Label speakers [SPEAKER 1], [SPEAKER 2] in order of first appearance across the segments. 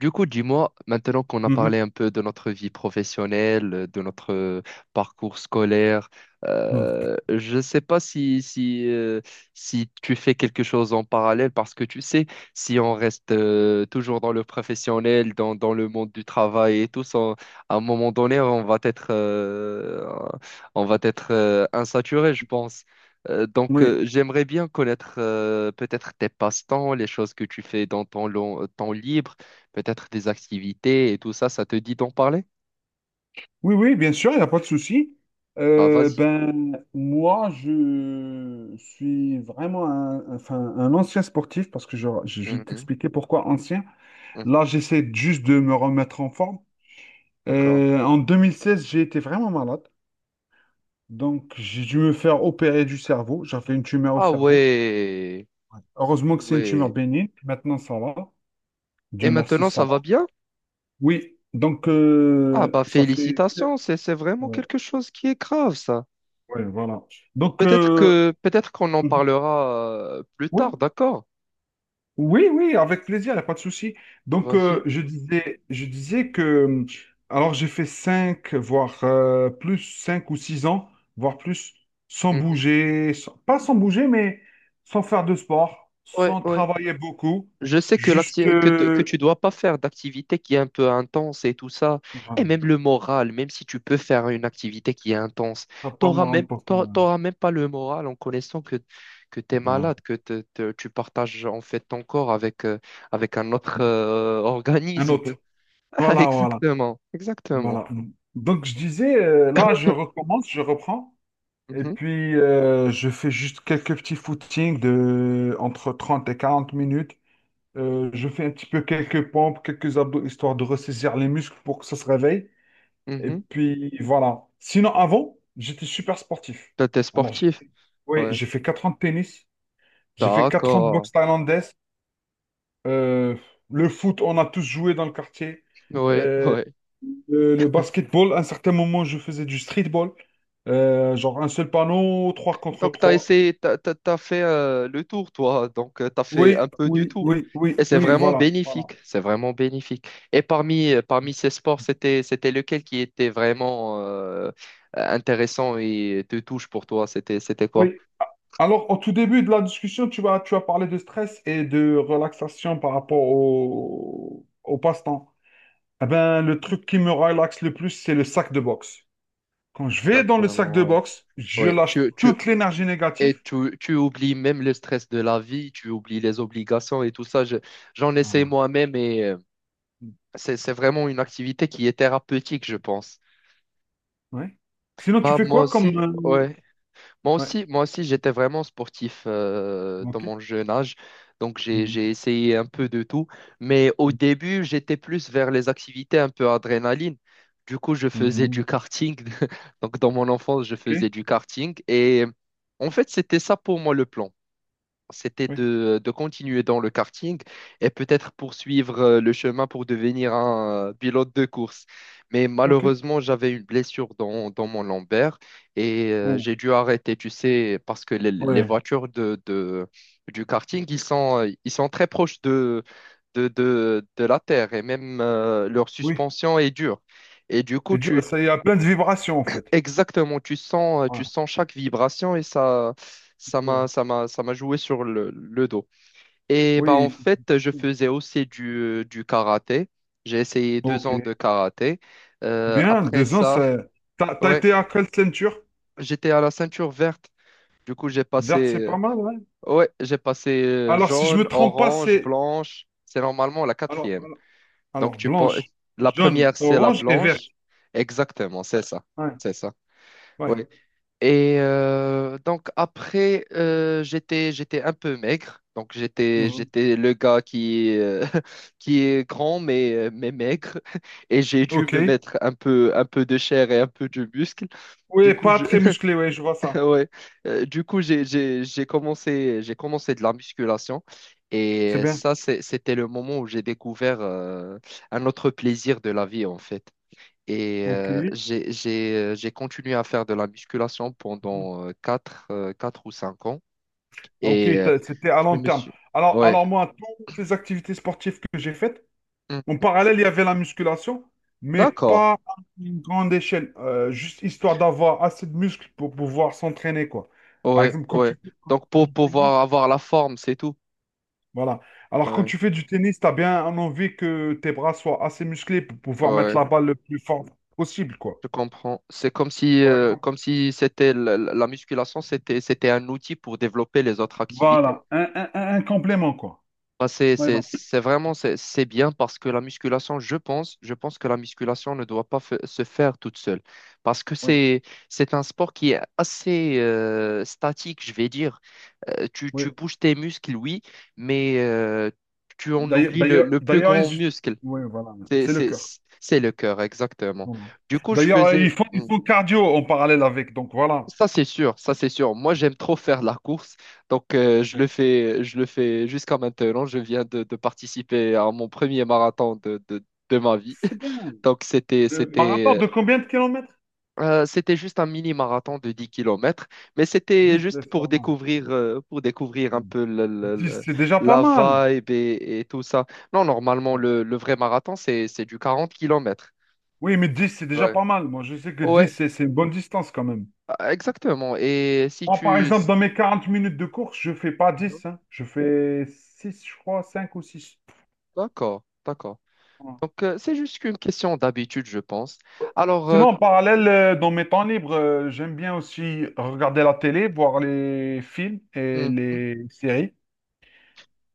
[SPEAKER 1] Du coup, dis-moi, maintenant qu'on a
[SPEAKER 2] Mhm.
[SPEAKER 1] parlé un peu de notre vie professionnelle, de notre parcours scolaire,
[SPEAKER 2] Mhm.
[SPEAKER 1] je ne sais pas si tu fais quelque chose en parallèle, parce que tu sais, si on reste toujours dans le professionnel, dans le monde du travail et tout, ça, à un moment donné, on va être insaturé, je pense. Donc,
[SPEAKER 2] Oui.
[SPEAKER 1] j'aimerais bien connaître peut-être tes passe-temps, les choses que tu fais dans ton temps libre, peut-être des activités et tout ça, ça te dit d'en parler?
[SPEAKER 2] Oui, oui, bien sûr, il n'y a pas de souci.
[SPEAKER 1] Bah vas-y.
[SPEAKER 2] Ben, moi, je suis vraiment un, enfin, un ancien sportif parce que je vais
[SPEAKER 1] Mhm.
[SPEAKER 2] t'expliquer pourquoi ancien.
[SPEAKER 1] Mhm.
[SPEAKER 2] Là, j'essaie juste de me remettre en forme.
[SPEAKER 1] D'accord.
[SPEAKER 2] En 2016, j'ai été vraiment malade. Donc, j'ai dû me faire opérer du cerveau. J'avais une tumeur au
[SPEAKER 1] Ah
[SPEAKER 2] cerveau.
[SPEAKER 1] ouais,
[SPEAKER 2] Ouais. Heureusement que c'est une tumeur
[SPEAKER 1] ouais.
[SPEAKER 2] bénigne. Maintenant, ça va.
[SPEAKER 1] Et
[SPEAKER 2] Dieu merci,
[SPEAKER 1] maintenant,
[SPEAKER 2] ça
[SPEAKER 1] ça va
[SPEAKER 2] va.
[SPEAKER 1] bien?
[SPEAKER 2] Oui, donc,
[SPEAKER 1] Ah bah
[SPEAKER 2] ça fait.
[SPEAKER 1] félicitations, c'est vraiment quelque chose qui est grave, ça.
[SPEAKER 2] Ouais, voilà. Donc,
[SPEAKER 1] Peut-être que peut-être qu'on en
[SPEAKER 2] mhm.
[SPEAKER 1] parlera plus tard,
[SPEAKER 2] Oui,
[SPEAKER 1] d'accord?
[SPEAKER 2] oui, oui, avec plaisir, il n'y a pas de souci. Donc,
[SPEAKER 1] Vas-y.
[SPEAKER 2] je disais que, alors j'ai fait 5 voire plus, 5 ou 6 ans, voire plus, sans
[SPEAKER 1] Mhm.
[SPEAKER 2] bouger, pas sans bouger, mais sans faire de sport,
[SPEAKER 1] Ouais,
[SPEAKER 2] sans
[SPEAKER 1] ouais.
[SPEAKER 2] travailler beaucoup,
[SPEAKER 1] Je sais que,
[SPEAKER 2] juste.
[SPEAKER 1] l'acti- que, te- que
[SPEAKER 2] euh,
[SPEAKER 1] tu dois pas faire d'activité qui est un peu intense et tout ça. Et
[SPEAKER 2] enfin,
[SPEAKER 1] même le moral, même si tu peux faire une activité qui est intense,
[SPEAKER 2] t'as pas le
[SPEAKER 1] t'auras même,
[SPEAKER 2] moral pour ça,
[SPEAKER 1] t'auras t'auras même pas le moral en connaissant que, tu es
[SPEAKER 2] voilà.
[SPEAKER 1] malade, que tu partages en fait ton corps avec, avec un autre
[SPEAKER 2] Un
[SPEAKER 1] organisme.
[SPEAKER 2] autre.
[SPEAKER 1] Ah,
[SPEAKER 2] Voilà, voilà,
[SPEAKER 1] exactement, exactement.
[SPEAKER 2] voilà. Donc, je disais, là, je recommence, je reprends. Et
[SPEAKER 1] Mhm.
[SPEAKER 2] puis, je fais juste quelques petits footings de entre 30 et 40 minutes. Je fais un petit peu quelques pompes, quelques abdos, histoire de ressaisir les muscles pour que ça se réveille. Et
[SPEAKER 1] Mhm.
[SPEAKER 2] puis, voilà. Sinon, avant, j'étais super sportif.
[SPEAKER 1] Toi, t'es
[SPEAKER 2] Alors,
[SPEAKER 1] sportif.
[SPEAKER 2] oui,
[SPEAKER 1] Ouais.
[SPEAKER 2] j'ai fait 4 ans de tennis, j'ai fait 4 ans de
[SPEAKER 1] D'accord.
[SPEAKER 2] boxe thaïlandaise. Euh, le foot, on a tous joué dans le quartier.
[SPEAKER 1] Ouais,
[SPEAKER 2] Euh,
[SPEAKER 1] ouais.
[SPEAKER 2] le basketball, à un certain moment, je faisais du streetball. Genre un seul panneau, trois contre
[SPEAKER 1] Donc, tu as
[SPEAKER 2] trois
[SPEAKER 1] essayé, t'as fait le tour, toi. Donc, tu as fait
[SPEAKER 2] Oui,
[SPEAKER 1] un peu du
[SPEAKER 2] oui,
[SPEAKER 1] tout.
[SPEAKER 2] oui,
[SPEAKER 1] Et
[SPEAKER 2] oui,
[SPEAKER 1] c'est
[SPEAKER 2] oui,
[SPEAKER 1] vraiment
[SPEAKER 2] voilà, voilà.
[SPEAKER 1] bénéfique. C'est vraiment bénéfique. Et parmi, parmi ces sports, c'était lequel qui était vraiment intéressant et te touche pour toi? C'était quoi?
[SPEAKER 2] Oui. Alors, au tout début de la discussion, tu as parlé de stress et de relaxation par rapport au passe-temps. Eh ben, le truc qui me relaxe le plus, c'est le sac de boxe. Quand je vais dans le sac de
[SPEAKER 1] Exactement, ouais.
[SPEAKER 2] boxe, je
[SPEAKER 1] Ouais.
[SPEAKER 2] lâche toute l'énergie
[SPEAKER 1] Et
[SPEAKER 2] négative.
[SPEAKER 1] tu oublies même le stress de la vie, tu oublies les obligations et tout ça. J'en essaie
[SPEAKER 2] Voilà.
[SPEAKER 1] moi-même et c'est vraiment une activité qui est thérapeutique, je pense.
[SPEAKER 2] Oui. Sinon, tu
[SPEAKER 1] Bah,
[SPEAKER 2] fais
[SPEAKER 1] moi
[SPEAKER 2] quoi comme?
[SPEAKER 1] aussi, ouais.
[SPEAKER 2] Ouais.
[SPEAKER 1] Moi aussi, j'étais vraiment sportif dans
[SPEAKER 2] OK.
[SPEAKER 1] mon jeune âge, donc j'ai
[SPEAKER 2] Mhm.
[SPEAKER 1] j'ai essayé un peu de tout. Mais au début, j'étais plus vers les activités un peu adrénaline. Du coup, je faisais du
[SPEAKER 2] Mhm.
[SPEAKER 1] karting. Donc dans mon enfance, je faisais
[SPEAKER 2] OK.
[SPEAKER 1] du karting et en fait, c'était ça pour moi le plan, c'était
[SPEAKER 2] Oui.
[SPEAKER 1] de continuer dans le karting et peut-être poursuivre le chemin pour devenir un pilote de course. Mais
[SPEAKER 2] OK.
[SPEAKER 1] malheureusement, j'avais une blessure dans mon lombaire et
[SPEAKER 2] Oh.
[SPEAKER 1] j'ai dû arrêter, tu sais, parce que les
[SPEAKER 2] Ouais.
[SPEAKER 1] voitures du karting, ils sont très proches de la terre et même leur
[SPEAKER 2] Oui.
[SPEAKER 1] suspension est dure. Et du coup,
[SPEAKER 2] Et Dieu, ça, il y a plein de vibrations, en fait.
[SPEAKER 1] exactement, tu sens, euh,
[SPEAKER 2] Ouais.
[SPEAKER 1] tu sens chaque vibration et ça, ça m'a joué sur le dos. Et bah en
[SPEAKER 2] Oui,
[SPEAKER 1] fait, je faisais aussi du karaté. J'ai essayé deux
[SPEAKER 2] ok.
[SPEAKER 1] ans de karaté.
[SPEAKER 2] Bien,
[SPEAKER 1] Après
[SPEAKER 2] 2 ans,
[SPEAKER 1] ça,
[SPEAKER 2] ça. T'as, t'as
[SPEAKER 1] ouais,
[SPEAKER 2] été à quelle ceinture?
[SPEAKER 1] j'étais à la ceinture verte. Du coup,
[SPEAKER 2] Verte, c'est pas mal, ouais.
[SPEAKER 1] ouais, j'ai passé
[SPEAKER 2] Alors, si je me
[SPEAKER 1] jaune,
[SPEAKER 2] trompe pas,
[SPEAKER 1] orange,
[SPEAKER 2] c'est.
[SPEAKER 1] blanche. C'est normalement la
[SPEAKER 2] Alors,
[SPEAKER 1] quatrième.
[SPEAKER 2] alors,
[SPEAKER 1] Donc
[SPEAKER 2] alors, blanche,
[SPEAKER 1] la
[SPEAKER 2] jaune,
[SPEAKER 1] première, c'est la
[SPEAKER 2] orange et verte.
[SPEAKER 1] blanche. Exactement, c'est ça,
[SPEAKER 2] Ouais,
[SPEAKER 1] c'est ça.
[SPEAKER 2] ouais.
[SPEAKER 1] Ouais. Et donc après, j'étais un peu maigre. Donc j'étais
[SPEAKER 2] Mhm.
[SPEAKER 1] j'étais le gars qui qui est grand mais mais maigre. Et j'ai dû
[SPEAKER 2] Ok.
[SPEAKER 1] me mettre un peu de chair et un peu de muscle. Du
[SPEAKER 2] Oui,
[SPEAKER 1] coup
[SPEAKER 2] pas
[SPEAKER 1] je
[SPEAKER 2] très musclé, oui, je vois ça.
[SPEAKER 1] ouais. Du coup j'ai commencé de la musculation.
[SPEAKER 2] C'est
[SPEAKER 1] Et
[SPEAKER 2] bien.
[SPEAKER 1] ça c'était le moment où j'ai découvert un autre plaisir de la vie en fait. Et
[SPEAKER 2] Ok.
[SPEAKER 1] j'ai continué à faire de la musculation
[SPEAKER 2] Mhm.
[SPEAKER 1] pendant 4 ou 5 ans.
[SPEAKER 2] Ah, ok,
[SPEAKER 1] Et
[SPEAKER 2] c'était à
[SPEAKER 1] je
[SPEAKER 2] long
[SPEAKER 1] me
[SPEAKER 2] terme.
[SPEAKER 1] suis...
[SPEAKER 2] Alors,
[SPEAKER 1] Ouais.
[SPEAKER 2] alors moi, toutes les activités sportives que j'ai faites, en
[SPEAKER 1] Hmm.
[SPEAKER 2] parallèle, il y avait la musculation, mais
[SPEAKER 1] D'accord.
[SPEAKER 2] pas à une grande échelle, juste histoire d'avoir assez de muscles pour pouvoir s'entraîner, quoi. Par
[SPEAKER 1] Ouais,
[SPEAKER 2] exemple,
[SPEAKER 1] ouais.
[SPEAKER 2] quand tu
[SPEAKER 1] Donc
[SPEAKER 2] fais
[SPEAKER 1] pour
[SPEAKER 2] du tennis,
[SPEAKER 1] pouvoir avoir la forme, c'est tout.
[SPEAKER 2] voilà. Alors, quand
[SPEAKER 1] Ouais,
[SPEAKER 2] tu fais du tennis, tu as bien envie que tes bras soient assez musclés pour pouvoir mettre
[SPEAKER 1] ouais.
[SPEAKER 2] la balle le plus fort possible, quoi.
[SPEAKER 1] Je comprends. C'est
[SPEAKER 2] Par exemple.
[SPEAKER 1] comme si c'était la musculation, c'était un outil pour développer les autres activités.
[SPEAKER 2] Voilà, un complément, quoi.
[SPEAKER 1] Bah,
[SPEAKER 2] Ouais, voilà.
[SPEAKER 1] c'est vraiment c'est bien parce que la musculation, je pense que la musculation ne doit pas se faire toute seule parce que
[SPEAKER 2] Ouais,
[SPEAKER 1] c'est un sport qui est assez statique, je vais dire. Tu
[SPEAKER 2] ouais.
[SPEAKER 1] bouges tes muscles, oui, mais tu en
[SPEAKER 2] D'ailleurs,
[SPEAKER 1] oublies
[SPEAKER 2] d'ailleurs,
[SPEAKER 1] le plus
[SPEAKER 2] d'ailleurs,
[SPEAKER 1] grand muscle,
[SPEAKER 2] ouais, voilà, c'est le cœur.
[SPEAKER 1] c'est le cœur, exactement.
[SPEAKER 2] Voilà.
[SPEAKER 1] Du coup, je
[SPEAKER 2] D'ailleurs, ils
[SPEAKER 1] faisais,
[SPEAKER 2] font, ils
[SPEAKER 1] hmm.
[SPEAKER 2] font cardio en parallèle avec, donc voilà.
[SPEAKER 1] Ça, c'est sûr, ça, c'est sûr. Moi, j'aime trop faire la course, donc je le
[SPEAKER 2] Ouais.
[SPEAKER 1] fais, je le fais jusqu'à maintenant. Je viens de participer à mon premier marathon de ma vie.
[SPEAKER 2] C'est bien.
[SPEAKER 1] Donc,
[SPEAKER 2] Marathon de combien de kilomètres?
[SPEAKER 1] c'était juste un mini-marathon de 10 kilomètres, mais c'était
[SPEAKER 2] 10, ouais,
[SPEAKER 1] juste
[SPEAKER 2] c'est
[SPEAKER 1] pour
[SPEAKER 2] pas mal.
[SPEAKER 1] découvrir, pour découvrir un
[SPEAKER 2] Mm.
[SPEAKER 1] peu
[SPEAKER 2] 10, c'est déjà pas
[SPEAKER 1] la
[SPEAKER 2] mal.
[SPEAKER 1] vibe et tout ça. Non, normalement, le vrai marathon, c'est du 40 kilomètres.
[SPEAKER 2] Oui, mais 10 c'est déjà
[SPEAKER 1] Ouais.
[SPEAKER 2] pas mal. Moi, je sais que 10
[SPEAKER 1] Ouais,
[SPEAKER 2] c'est une bonne distance quand même.
[SPEAKER 1] exactement. Et si
[SPEAKER 2] Moi, par
[SPEAKER 1] tu...
[SPEAKER 2] exemple, dans mes 40 minutes de course, je fais pas
[SPEAKER 1] Mhm.
[SPEAKER 2] 10, hein. Je fais six, je crois, cinq ou six.
[SPEAKER 1] D'accord, d'accord.
[SPEAKER 2] Voilà.
[SPEAKER 1] Donc, c'est juste qu'une question d'habitude, je pense. Alors,
[SPEAKER 2] Sinon, en
[SPEAKER 1] comme tu
[SPEAKER 2] parallèle,
[SPEAKER 1] dis,
[SPEAKER 2] dans mes temps libres, j'aime bien aussi regarder la télé, voir les films et
[SPEAKER 1] mhm,
[SPEAKER 2] les séries.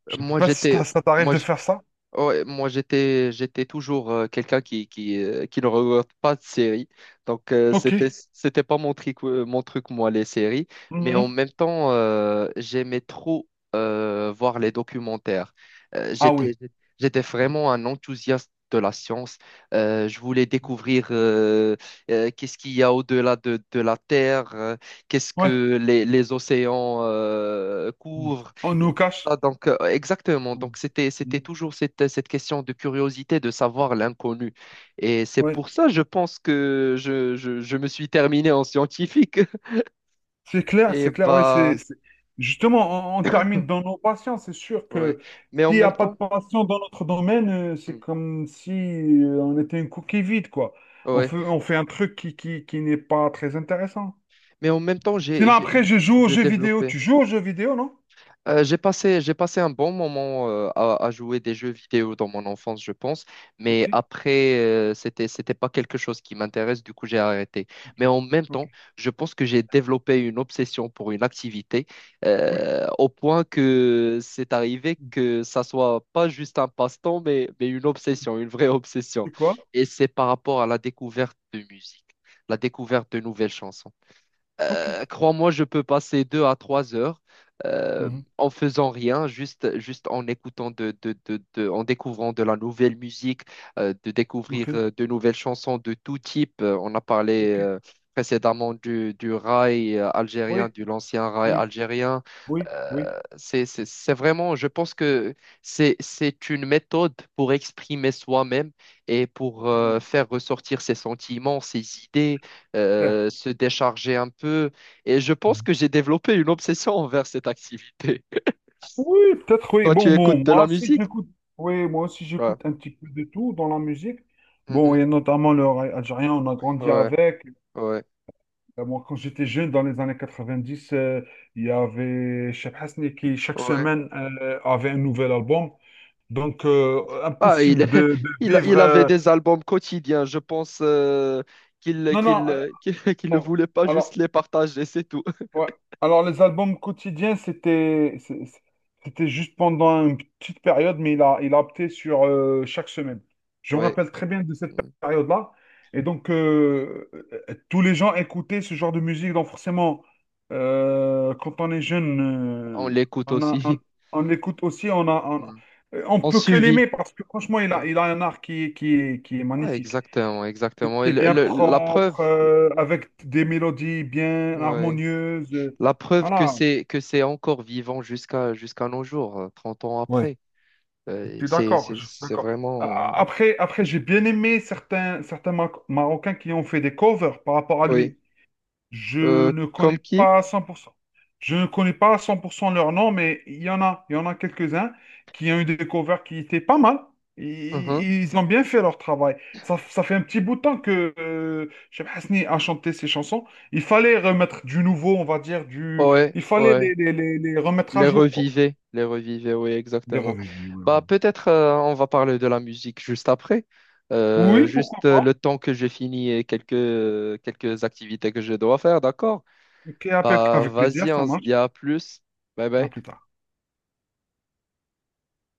[SPEAKER 2] Je ne sais
[SPEAKER 1] moi,
[SPEAKER 2] pas si
[SPEAKER 1] j'étais,
[SPEAKER 2] ça t'arrive
[SPEAKER 1] moi,
[SPEAKER 2] de faire ça.
[SPEAKER 1] ouais, moi j'étais toujours quelqu'un qui ne regarde pas de séries. Donc
[SPEAKER 2] Ok.
[SPEAKER 1] c'était pas mon truc, mon truc moi les séries, mais en
[SPEAKER 2] Mhm.
[SPEAKER 1] même temps j'aimais trop voir les documentaires. Euh,
[SPEAKER 2] Ah
[SPEAKER 1] j'étais
[SPEAKER 2] oui.
[SPEAKER 1] j'étais vraiment un enthousiaste de la science. Je voulais découvrir qu'est-ce qu'il y a au-delà de la Terre, qu'est-ce
[SPEAKER 2] Ouais.
[SPEAKER 1] que les océans couvrent.
[SPEAKER 2] On nous cache.
[SPEAKER 1] Ah, donc, exactement.
[SPEAKER 2] Mm.
[SPEAKER 1] Donc, c'était
[SPEAKER 2] Mm.
[SPEAKER 1] toujours cette question de curiosité de savoir l'inconnu. Et c'est
[SPEAKER 2] Ouais,
[SPEAKER 1] pour ça, je pense que je me suis terminé en scientifique.
[SPEAKER 2] c'est clair,
[SPEAKER 1] Et
[SPEAKER 2] c'est clair. Ouais.
[SPEAKER 1] bah,
[SPEAKER 2] Justement, on termine dans nos passions. C'est sûr
[SPEAKER 1] ouais.
[SPEAKER 2] que
[SPEAKER 1] Mais en
[SPEAKER 2] s'il n'y
[SPEAKER 1] même
[SPEAKER 2] a pas de
[SPEAKER 1] temps,
[SPEAKER 2] passion dans notre domaine, c'est
[SPEAKER 1] hmm,
[SPEAKER 2] comme si on était une coquille vide, quoi. On
[SPEAKER 1] ouais.
[SPEAKER 2] fait, on fait un truc qui n'est pas très intéressant.
[SPEAKER 1] Mais en même temps,
[SPEAKER 2] Sinon, après, je joue aux
[SPEAKER 1] j'ai
[SPEAKER 2] jeux vidéo.
[SPEAKER 1] développé.
[SPEAKER 2] Tu joues aux jeux vidéo, non?
[SPEAKER 1] J'ai passé un bon moment à jouer des jeux vidéo dans mon enfance, je pense, mais
[SPEAKER 2] Ok.
[SPEAKER 1] après, c'était pas quelque chose qui m'intéresse, du coup, j'ai arrêté.
[SPEAKER 2] Ok.
[SPEAKER 1] Mais en même
[SPEAKER 2] Ok.
[SPEAKER 1] temps, je pense que j'ai développé une obsession pour une activité
[SPEAKER 2] Ouais.
[SPEAKER 1] au point que c'est arrivé
[SPEAKER 2] Mm.
[SPEAKER 1] que ça soit pas juste un passe-temps, mais, une
[SPEAKER 2] Mm.
[SPEAKER 1] obsession, une vraie obsession.
[SPEAKER 2] C'est quoi?
[SPEAKER 1] Et c'est par rapport à la découverte de musique, la découverte de nouvelles chansons.
[SPEAKER 2] Ok.
[SPEAKER 1] Crois-moi, je peux passer 2 à 3 heures euh,
[SPEAKER 2] Mhm.
[SPEAKER 1] en faisant rien, juste en écoutant en découvrant de la nouvelle musique, de
[SPEAKER 2] Ok.
[SPEAKER 1] découvrir de nouvelles chansons de tout type. On a parlé
[SPEAKER 2] Ok.
[SPEAKER 1] précédemment du rail
[SPEAKER 2] Oui.
[SPEAKER 1] algérien, de l'ancien rail
[SPEAKER 2] Oui.
[SPEAKER 1] algérien.
[SPEAKER 2] Oui. Oui.
[SPEAKER 1] C'est vraiment, je pense que c'est une méthode pour exprimer soi-même et pour
[SPEAKER 2] Mm.
[SPEAKER 1] faire ressortir ses sentiments, ses idées,
[SPEAKER 2] Clair.
[SPEAKER 1] se décharger un peu. Et je pense que j'ai développé une obsession envers cette activité.
[SPEAKER 2] Oui, peut-être, oui.
[SPEAKER 1] Toi,
[SPEAKER 2] Bon,
[SPEAKER 1] tu
[SPEAKER 2] bon,
[SPEAKER 1] écoutes de
[SPEAKER 2] moi
[SPEAKER 1] la
[SPEAKER 2] aussi,
[SPEAKER 1] musique?
[SPEAKER 2] j'écoute. Oui, moi aussi,
[SPEAKER 1] Ouais.
[SPEAKER 2] j'écoute un petit peu de tout dans la musique. Bon,
[SPEAKER 1] Mhm.
[SPEAKER 2] et notamment le raï algérien, on a grandi
[SPEAKER 1] Ouais,
[SPEAKER 2] avec.
[SPEAKER 1] ouais,
[SPEAKER 2] Moi, quand j'étais jeune, dans les années 90, il y avait Cheb Hasni qui, chaque
[SPEAKER 1] ouais.
[SPEAKER 2] semaine, avait un nouvel album. Donc,
[SPEAKER 1] Ah,
[SPEAKER 2] impossible de, de vivre.
[SPEAKER 1] il avait des albums quotidiens. Je pense
[SPEAKER 2] Non, non.
[SPEAKER 1] qu'il ne
[SPEAKER 2] Alors,
[SPEAKER 1] voulait pas
[SPEAKER 2] alors,
[SPEAKER 1] juste les partager, c'est tout.
[SPEAKER 2] Ouais. Alors, les albums quotidiens, c'était juste pendant une petite période, mais il a opté sur chaque semaine. Je me
[SPEAKER 1] Ouais.
[SPEAKER 2] rappelle très bien de cette
[SPEAKER 1] Ouais.
[SPEAKER 2] période-là. Et donc, tous les gens écoutaient ce genre de musique. Donc, forcément, quand on est jeune,
[SPEAKER 1] On l'écoute
[SPEAKER 2] on a- on,
[SPEAKER 1] aussi.
[SPEAKER 2] on l'écoute aussi. On a,
[SPEAKER 1] Mm.
[SPEAKER 2] on, on
[SPEAKER 1] On
[SPEAKER 2] peut que
[SPEAKER 1] suivit.
[SPEAKER 2] l'aimer parce que, franchement, il
[SPEAKER 1] Ouais.
[SPEAKER 2] a, il a un art qui est
[SPEAKER 1] Ah,
[SPEAKER 2] magnifique.
[SPEAKER 1] exactement, exactement. Et
[SPEAKER 2] C'était bien
[SPEAKER 1] la preuve.
[SPEAKER 2] propre, avec des mélodies bien
[SPEAKER 1] Ouais.
[SPEAKER 2] harmonieuses.
[SPEAKER 1] La preuve que
[SPEAKER 2] Voilà.
[SPEAKER 1] c'est que c'est encore vivant jusqu'à nos jours, 30 ans
[SPEAKER 2] Ouais,
[SPEAKER 1] après.
[SPEAKER 2] je
[SPEAKER 1] Euh,
[SPEAKER 2] suis
[SPEAKER 1] c'est
[SPEAKER 2] d'accord,
[SPEAKER 1] c'est
[SPEAKER 2] je suis
[SPEAKER 1] c'est
[SPEAKER 2] d'accord. A-
[SPEAKER 1] vraiment
[SPEAKER 2] a- Après, après j'ai bien aimé certains Marocains qui ont fait des covers par rapport à
[SPEAKER 1] oui.
[SPEAKER 2] lui. Je ne
[SPEAKER 1] Comme
[SPEAKER 2] connais
[SPEAKER 1] qui?
[SPEAKER 2] pas à 100%. Je ne connais pas à 100% leur nom, mais il y en a quelques-uns qui ont eu des covers qui étaient pas mal.
[SPEAKER 1] Mhm.
[SPEAKER 2] I- Ils ont bien fait leur travail. Ça fait un petit bout de temps que Cheb Hasni a chanté ces chansons. Il fallait remettre du nouveau, on va dire, du.
[SPEAKER 1] Ouais,
[SPEAKER 2] Il fallait
[SPEAKER 1] ouais.
[SPEAKER 2] les remettre à jour, quoi.
[SPEAKER 1] Les revivez, oui,
[SPEAKER 2] Les
[SPEAKER 1] exactement.
[SPEAKER 2] revues, oui,
[SPEAKER 1] Bah
[SPEAKER 2] voilà.
[SPEAKER 1] peut-être on va parler de la musique juste après.
[SPEAKER 2] Oui, pourquoi
[SPEAKER 1] Juste
[SPEAKER 2] pas.
[SPEAKER 1] le temps que j'ai fini et quelques activités que je dois faire, d'accord?
[SPEAKER 2] Ok, avec,
[SPEAKER 1] Bah
[SPEAKER 2] avec plaisir,
[SPEAKER 1] vas-y,
[SPEAKER 2] ça
[SPEAKER 1] on se dit
[SPEAKER 2] marche.
[SPEAKER 1] à plus. Bye
[SPEAKER 2] À
[SPEAKER 1] bye.
[SPEAKER 2] plus tard.